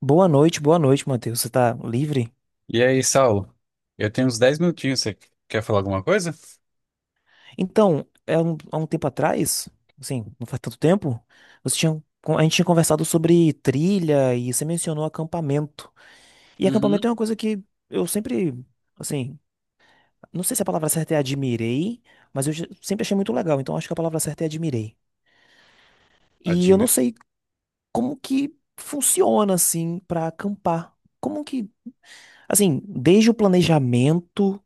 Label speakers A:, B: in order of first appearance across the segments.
A: Boa noite, Matheus. Você tá livre?
B: E aí, Saulo? Eu tenho uns 10 minutinhos. Você quer falar alguma coisa?
A: Então, há um tempo atrás, assim, não faz tanto tempo, você tinha, a gente tinha conversado sobre trilha e você mencionou acampamento. E
B: Uhum.
A: acampamento é uma coisa que eu sempre, assim, não sei se a palavra certa é admirei, mas sempre achei muito legal, então acho que a palavra certa é admirei. E eu não
B: Admi...
A: sei como que funciona, assim, pra acampar. Como que, assim, desde o planejamento,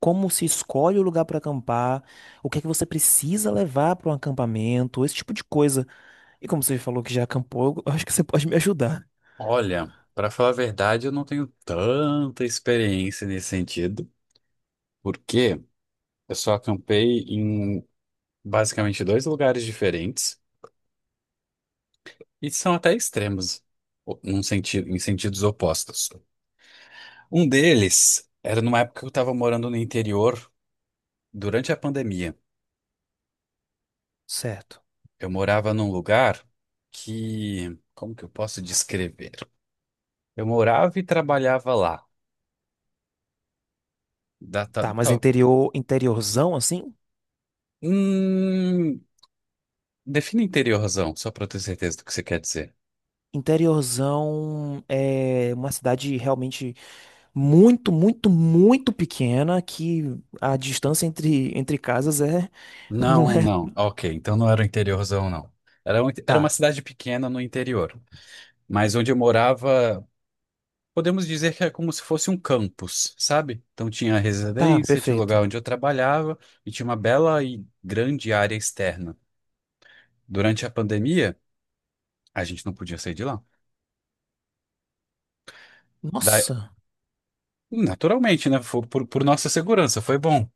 A: como se escolhe o lugar para acampar, o que é que você precisa levar para um acampamento, esse tipo de coisa. E como você falou que já acampou, eu acho que você pode me ajudar.
B: Olha, pra falar a verdade, eu não tenho tanta experiência nesse sentido, porque eu só acampei em basicamente dois lugares diferentes e são até extremos, num sentido, em sentidos opostos. Um deles era numa época que eu estava morando no interior durante a pandemia.
A: Certo.
B: Eu morava num lugar que, como que eu posso descrever? Eu morava e trabalhava lá. Da- ta-
A: Tá, mas
B: ta-
A: interior, interiorzão assim?
B: Hum, defina interiorzão, só para eu ter certeza do que você quer dizer.
A: Interiorzão é uma cidade realmente muito, muito, muito pequena que a distância entre casas é, não
B: Não,
A: é?
B: não. Ok, então não era o interiorzão, não. Era, era
A: Tá,
B: uma cidade pequena no interior. Mas onde eu morava, podemos dizer que é como se fosse um campus, sabe? Então tinha a
A: tá,
B: residência, tinha o
A: perfeito.
B: lugar onde eu trabalhava e tinha uma bela e grande área externa. Durante a pandemia, a gente não podia sair de lá. Da-
A: Nossa.
B: naturalmente, né? Foi por nossa segurança, foi bom.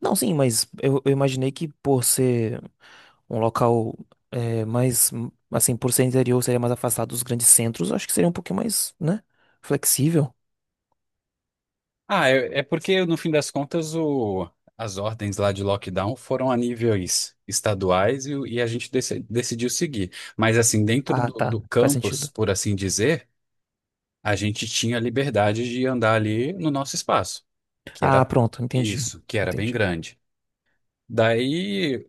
A: Não, sim, mas eu imaginei que por ser um local é, mais, assim, por ser interior, seria mais afastado dos grandes centros, acho que seria um pouquinho mais, né, flexível.
B: Ah, é, é porque no fim das contas o, as ordens lá de lockdown foram a níveis estaduais e, e a gente decidiu seguir. Mas assim, dentro
A: Ah,
B: do,
A: tá,
B: do
A: faz
B: campus,
A: sentido.
B: por assim dizer, a gente tinha liberdade de andar ali no nosso espaço, que
A: Ah,
B: era
A: pronto, entendi.
B: isso, que era bem
A: Entendi.
B: grande. Daí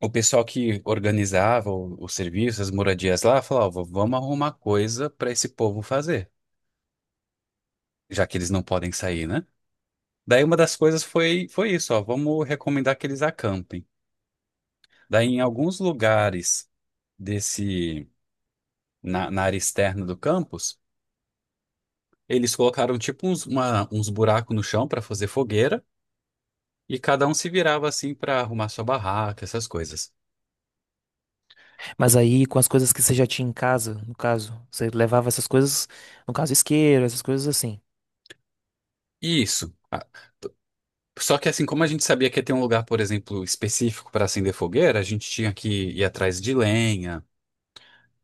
B: o pessoal que organizava os serviços, as moradias lá, falava, "Ó, vamos arrumar coisa para esse povo fazer, já que eles não podem sair, né? Daí uma das coisas foi, foi isso, ó, vamos recomendar que eles acampem. Daí em alguns lugares desse, na área externa do campus, eles colocaram tipo uns, uns buracos no chão para fazer fogueira e cada um se virava assim para arrumar sua barraca, essas coisas.
A: Mas aí, com as coisas que você já tinha em casa, no caso, você levava essas coisas, no caso, isqueiro, essas coisas assim.
B: E isso. Ah, só que assim, como a gente sabia que ia ter um lugar, por exemplo, específico para acender fogueira, a gente tinha que ir atrás de lenha,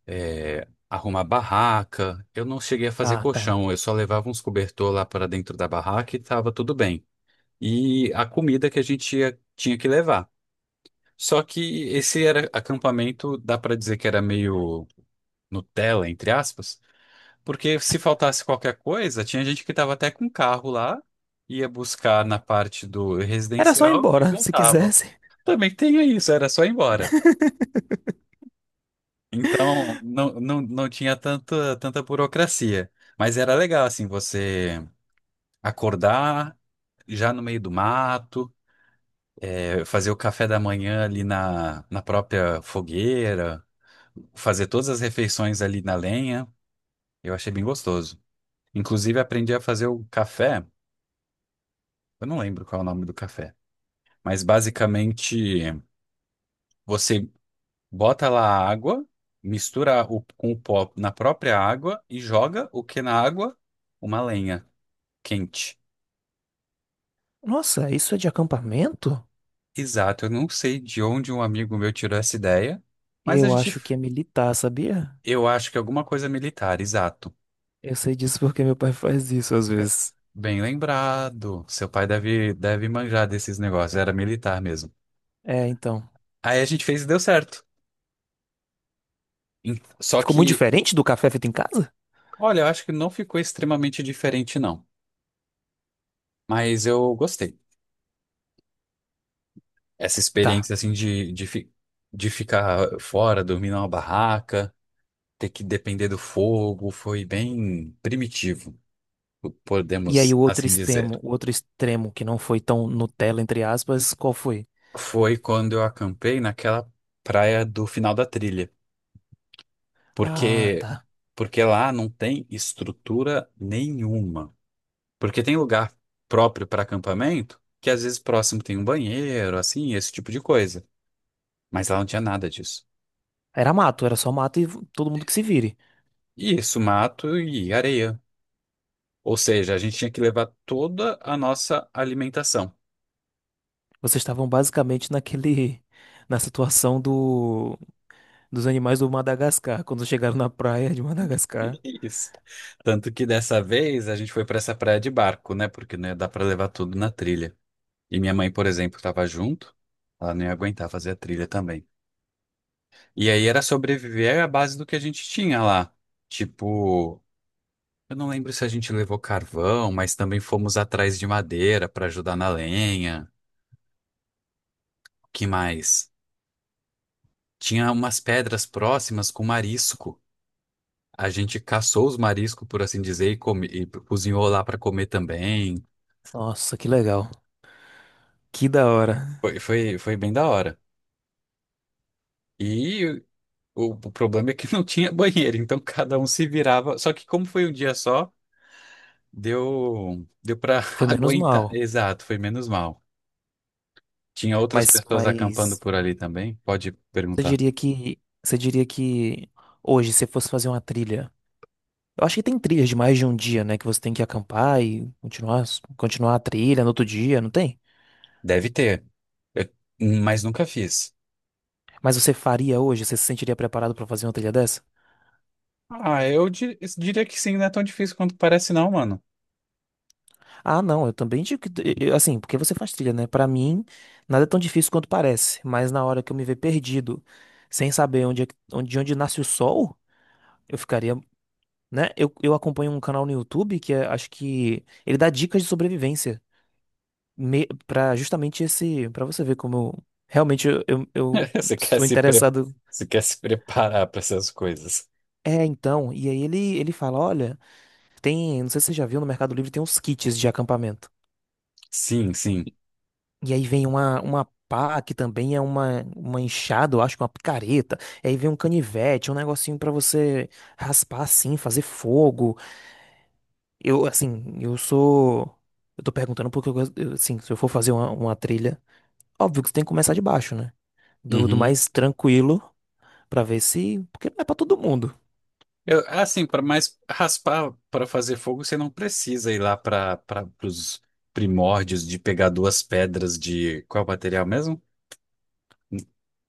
B: é, arrumar barraca. Eu não cheguei a fazer
A: Ah, tá.
B: colchão, eu só levava uns cobertor lá para dentro da barraca e estava tudo bem. E a comida que tinha que levar. Só que esse era acampamento, dá para dizer que era meio Nutella, entre aspas, porque se faltasse qualquer coisa, tinha gente que estava até com carro lá, ia buscar na parte do
A: Era só ir
B: residencial e
A: embora, se
B: voltava.
A: quisesse.
B: Também tinha isso, era só ir embora. Então, não, não, não tinha tanta, tanta burocracia. Mas era legal, assim, você acordar já no meio do mato, fazer o café da manhã ali na própria fogueira, fazer todas as refeições ali na lenha. Eu achei bem gostoso. Inclusive, aprendi a fazer o café. Eu não lembro qual é o nome do café. Mas, basicamente, você bota lá a água, mistura o, com o pó na própria água e joga o que na água? Uma lenha. Quente.
A: Nossa, isso é de acampamento?
B: Exato, eu não sei de onde um amigo meu tirou essa ideia, mas a
A: Eu
B: gente.
A: acho que é militar, sabia?
B: Eu acho que é alguma coisa militar, exato.
A: Eu sei disso porque meu pai faz isso às
B: É,
A: vezes.
B: bem lembrado. Seu pai deve, deve manjar desses negócios, era militar mesmo.
A: É, então.
B: Aí a gente fez e deu certo. Só
A: Ficou muito
B: que,
A: diferente do café feito em casa?
B: olha, eu acho que não ficou extremamente diferente, não. Mas eu gostei. Essa
A: Tá.
B: experiência, assim, de ficar fora, dormir numa barraca, ter que depender do fogo, foi bem primitivo,
A: E aí
B: podemos assim dizer.
A: o outro extremo que não foi tão Nutella, entre aspas, qual foi?
B: Foi quando eu acampei naquela praia do final da trilha,
A: Ah,
B: porque
A: tá.
B: porque lá não tem estrutura nenhuma. Porque tem lugar próprio para acampamento, que às vezes próximo tem um banheiro, assim, esse tipo de coisa, mas lá não tinha nada disso.
A: Era mato, era só mato e todo mundo que se vire.
B: E isso, mato e areia. Ou seja, a gente tinha que levar toda a nossa alimentação.
A: Vocês estavam basicamente na situação dos animais do Madagascar, quando chegaram na praia de Madagascar.
B: Isso. Tanto que dessa vez a gente foi para essa praia de barco, né? Porque não ia dar para levar tudo na trilha. E minha mãe, por exemplo, estava junto, ela nem aguentava fazer a trilha também. E aí era sobreviver à base do que a gente tinha lá. Tipo, eu não lembro se a gente levou carvão, mas também fomos atrás de madeira para ajudar na lenha. O que mais? Tinha umas pedras próximas com marisco. A gente caçou os mariscos, por assim dizer, e cozinhou lá para comer também.
A: Nossa, que legal. Que da hora.
B: Foi, foi, foi bem da hora. E o problema é que não tinha banheiro, então cada um se virava. Só que como foi um dia só. Deu, deu para
A: Foi menos mal.
B: aguentar. Exato, foi menos mal. Tinha outras
A: Mas,
B: pessoas acampando
A: mas
B: por ali também? Pode perguntar.
A: Você diria que hoje, se fosse fazer uma trilha, eu acho que tem trilhas de mais de um dia, né? Que você tem que acampar e continuar, continuar a trilha no outro dia, não tem?
B: Deve ter, Eu- mas nunca fiz.
A: Mas você faria hoje? Você se sentiria preparado pra fazer uma trilha dessa?
B: Ah, eu diria que sim, não é tão difícil quanto parece, não, mano.
A: Ah, não, eu também digo que, assim, porque você faz trilha, né? Pra mim, nada é tão difícil quanto parece, mas na hora que eu me ver perdido, sem saber onde, onde, de onde nasce o sol, eu ficaria, né? Eu acompanho um canal no YouTube acho que ele dá dicas de sobrevivência, para justamente esse, para você ver como realmente eu
B: Você quer
A: sou
B: se pre...
A: interessado.
B: Você quer se preparar para essas coisas?
A: É, então, e aí ele fala, olha, tem, não sei se você já viu no Mercado Livre, tem uns kits de acampamento.
B: Sim, sim.
A: E aí vem uma pá, que também é uma enxada, eu acho, uma picareta. E aí vem um canivete, um negocinho pra você raspar assim, fazer fogo. Eu assim, eu sou. Eu tô perguntando porque eu, eu, assim, se eu for fazer uma trilha, óbvio que você tem que começar de baixo, né? Do
B: Uhum.
A: mais tranquilo. Pra ver se, porque não é pra todo mundo.
B: Eu, assim, para mais raspar para fazer fogo, você não precisa ir lá para os primórdios de pegar duas pedras de qual material mesmo?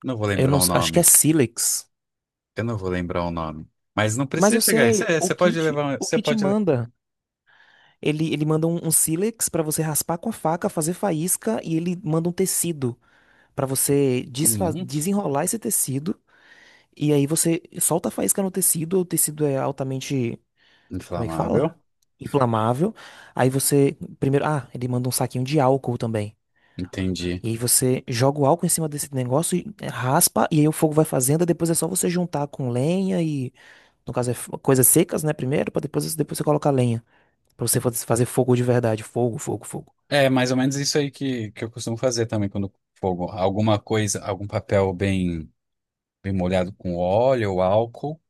B: Não vou
A: Eu
B: lembrar
A: não,
B: o
A: acho que é
B: nome.
A: Silex.
B: Eu não vou lembrar o nome. Mas não
A: Mas
B: precisa
A: eu
B: chegar.
A: sei,
B: Você pode levar.
A: o
B: Você
A: kit
B: pode. le-
A: manda. Ele manda um sílex pra você raspar com a faca, fazer faísca e ele manda um tecido pra você
B: Não.
A: desenrolar esse tecido e aí você solta a faísca no tecido, o tecido é altamente, como é que fala?
B: Inflamável.
A: Inflamável. Aí você primeiro, ah, ele manda um saquinho de álcool também.
B: Entendi.
A: E aí você joga o álcool em cima desse negócio e é, raspa, e aí o fogo vai fazendo, e depois é só você juntar com lenha e, no caso, é coisas secas, né, primeiro, pra depois, depois você colocar lenha, pra você fazer fogo de verdade, fogo, fogo, fogo.
B: É mais ou menos isso aí que eu costumo fazer também quando fogo. Alguma coisa, algum papel bem, bem molhado com óleo, álcool,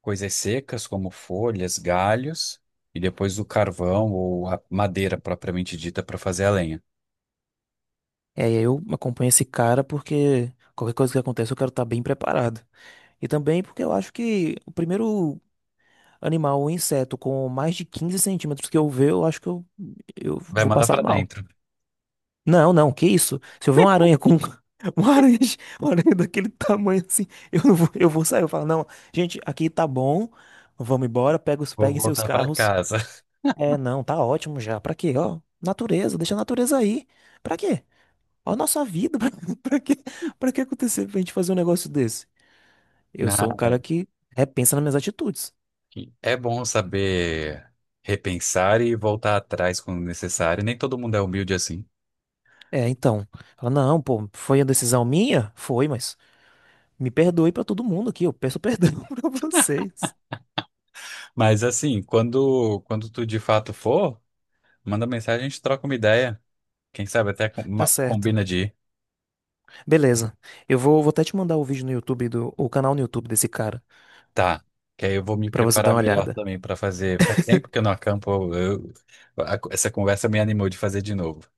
B: coisas secas como folhas, galhos, e depois o carvão ou a madeira propriamente dita para fazer a lenha.
A: É, e aí eu acompanho esse cara porque qualquer coisa que aconteça eu quero estar bem preparado. E também porque eu acho que o primeiro animal, o inseto, com mais de 15 cm que eu ver, eu acho que eu
B: Vai
A: vou
B: mandar
A: passar
B: para
A: mal.
B: dentro.
A: Não, não, que isso? Se eu ver uma aranha com uma aranha, uma aranha daquele tamanho assim, eu não vou, eu vou sair. Eu falo, não, gente, aqui tá bom, vamos embora, pega,
B: Vou
A: peguem seus
B: voltar para
A: carros.
B: casa.
A: É, não, tá ótimo já. Pra quê? Ó, natureza, deixa a natureza aí. Pra quê? Ó, a nossa vida, pra, pra quê? Pra que acontecer pra gente fazer um negócio desse? Eu
B: Ah,
A: sou um cara
B: é.
A: que repensa nas minhas atitudes.
B: É bom saber repensar e voltar atrás quando necessário. Nem todo mundo é humilde assim.
A: É, então. Ela, não, pô, foi a decisão minha? Foi, mas me perdoe pra todo mundo aqui, eu peço perdão pra vocês.
B: Mas assim, quando tu de fato for, manda mensagem, a gente troca uma ideia. Quem sabe até com-
A: Tá
B: uma-
A: certo.
B: combina de ir.
A: Beleza. Eu vou, vou até te mandar o vídeo no YouTube o canal no YouTube desse cara,
B: Tá. Que aí eu vou me
A: pra você dar
B: preparar
A: uma
B: melhor
A: olhada.
B: também pra fazer. Faz tempo que eu não acampo. Essa conversa me animou de fazer de novo.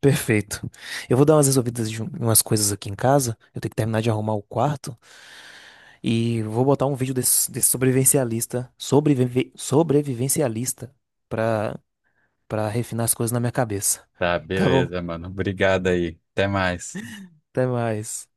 A: Perfeito. Eu vou dar umas resolvidas de umas coisas aqui em casa. Eu tenho que terminar de arrumar o quarto e vou botar um vídeo desse sobrevivencialista, sobrevivencialista pra para refinar as coisas na minha cabeça.
B: Tá,
A: Tá bom?
B: beleza, mano. Obrigado aí. Até mais.
A: Até mais.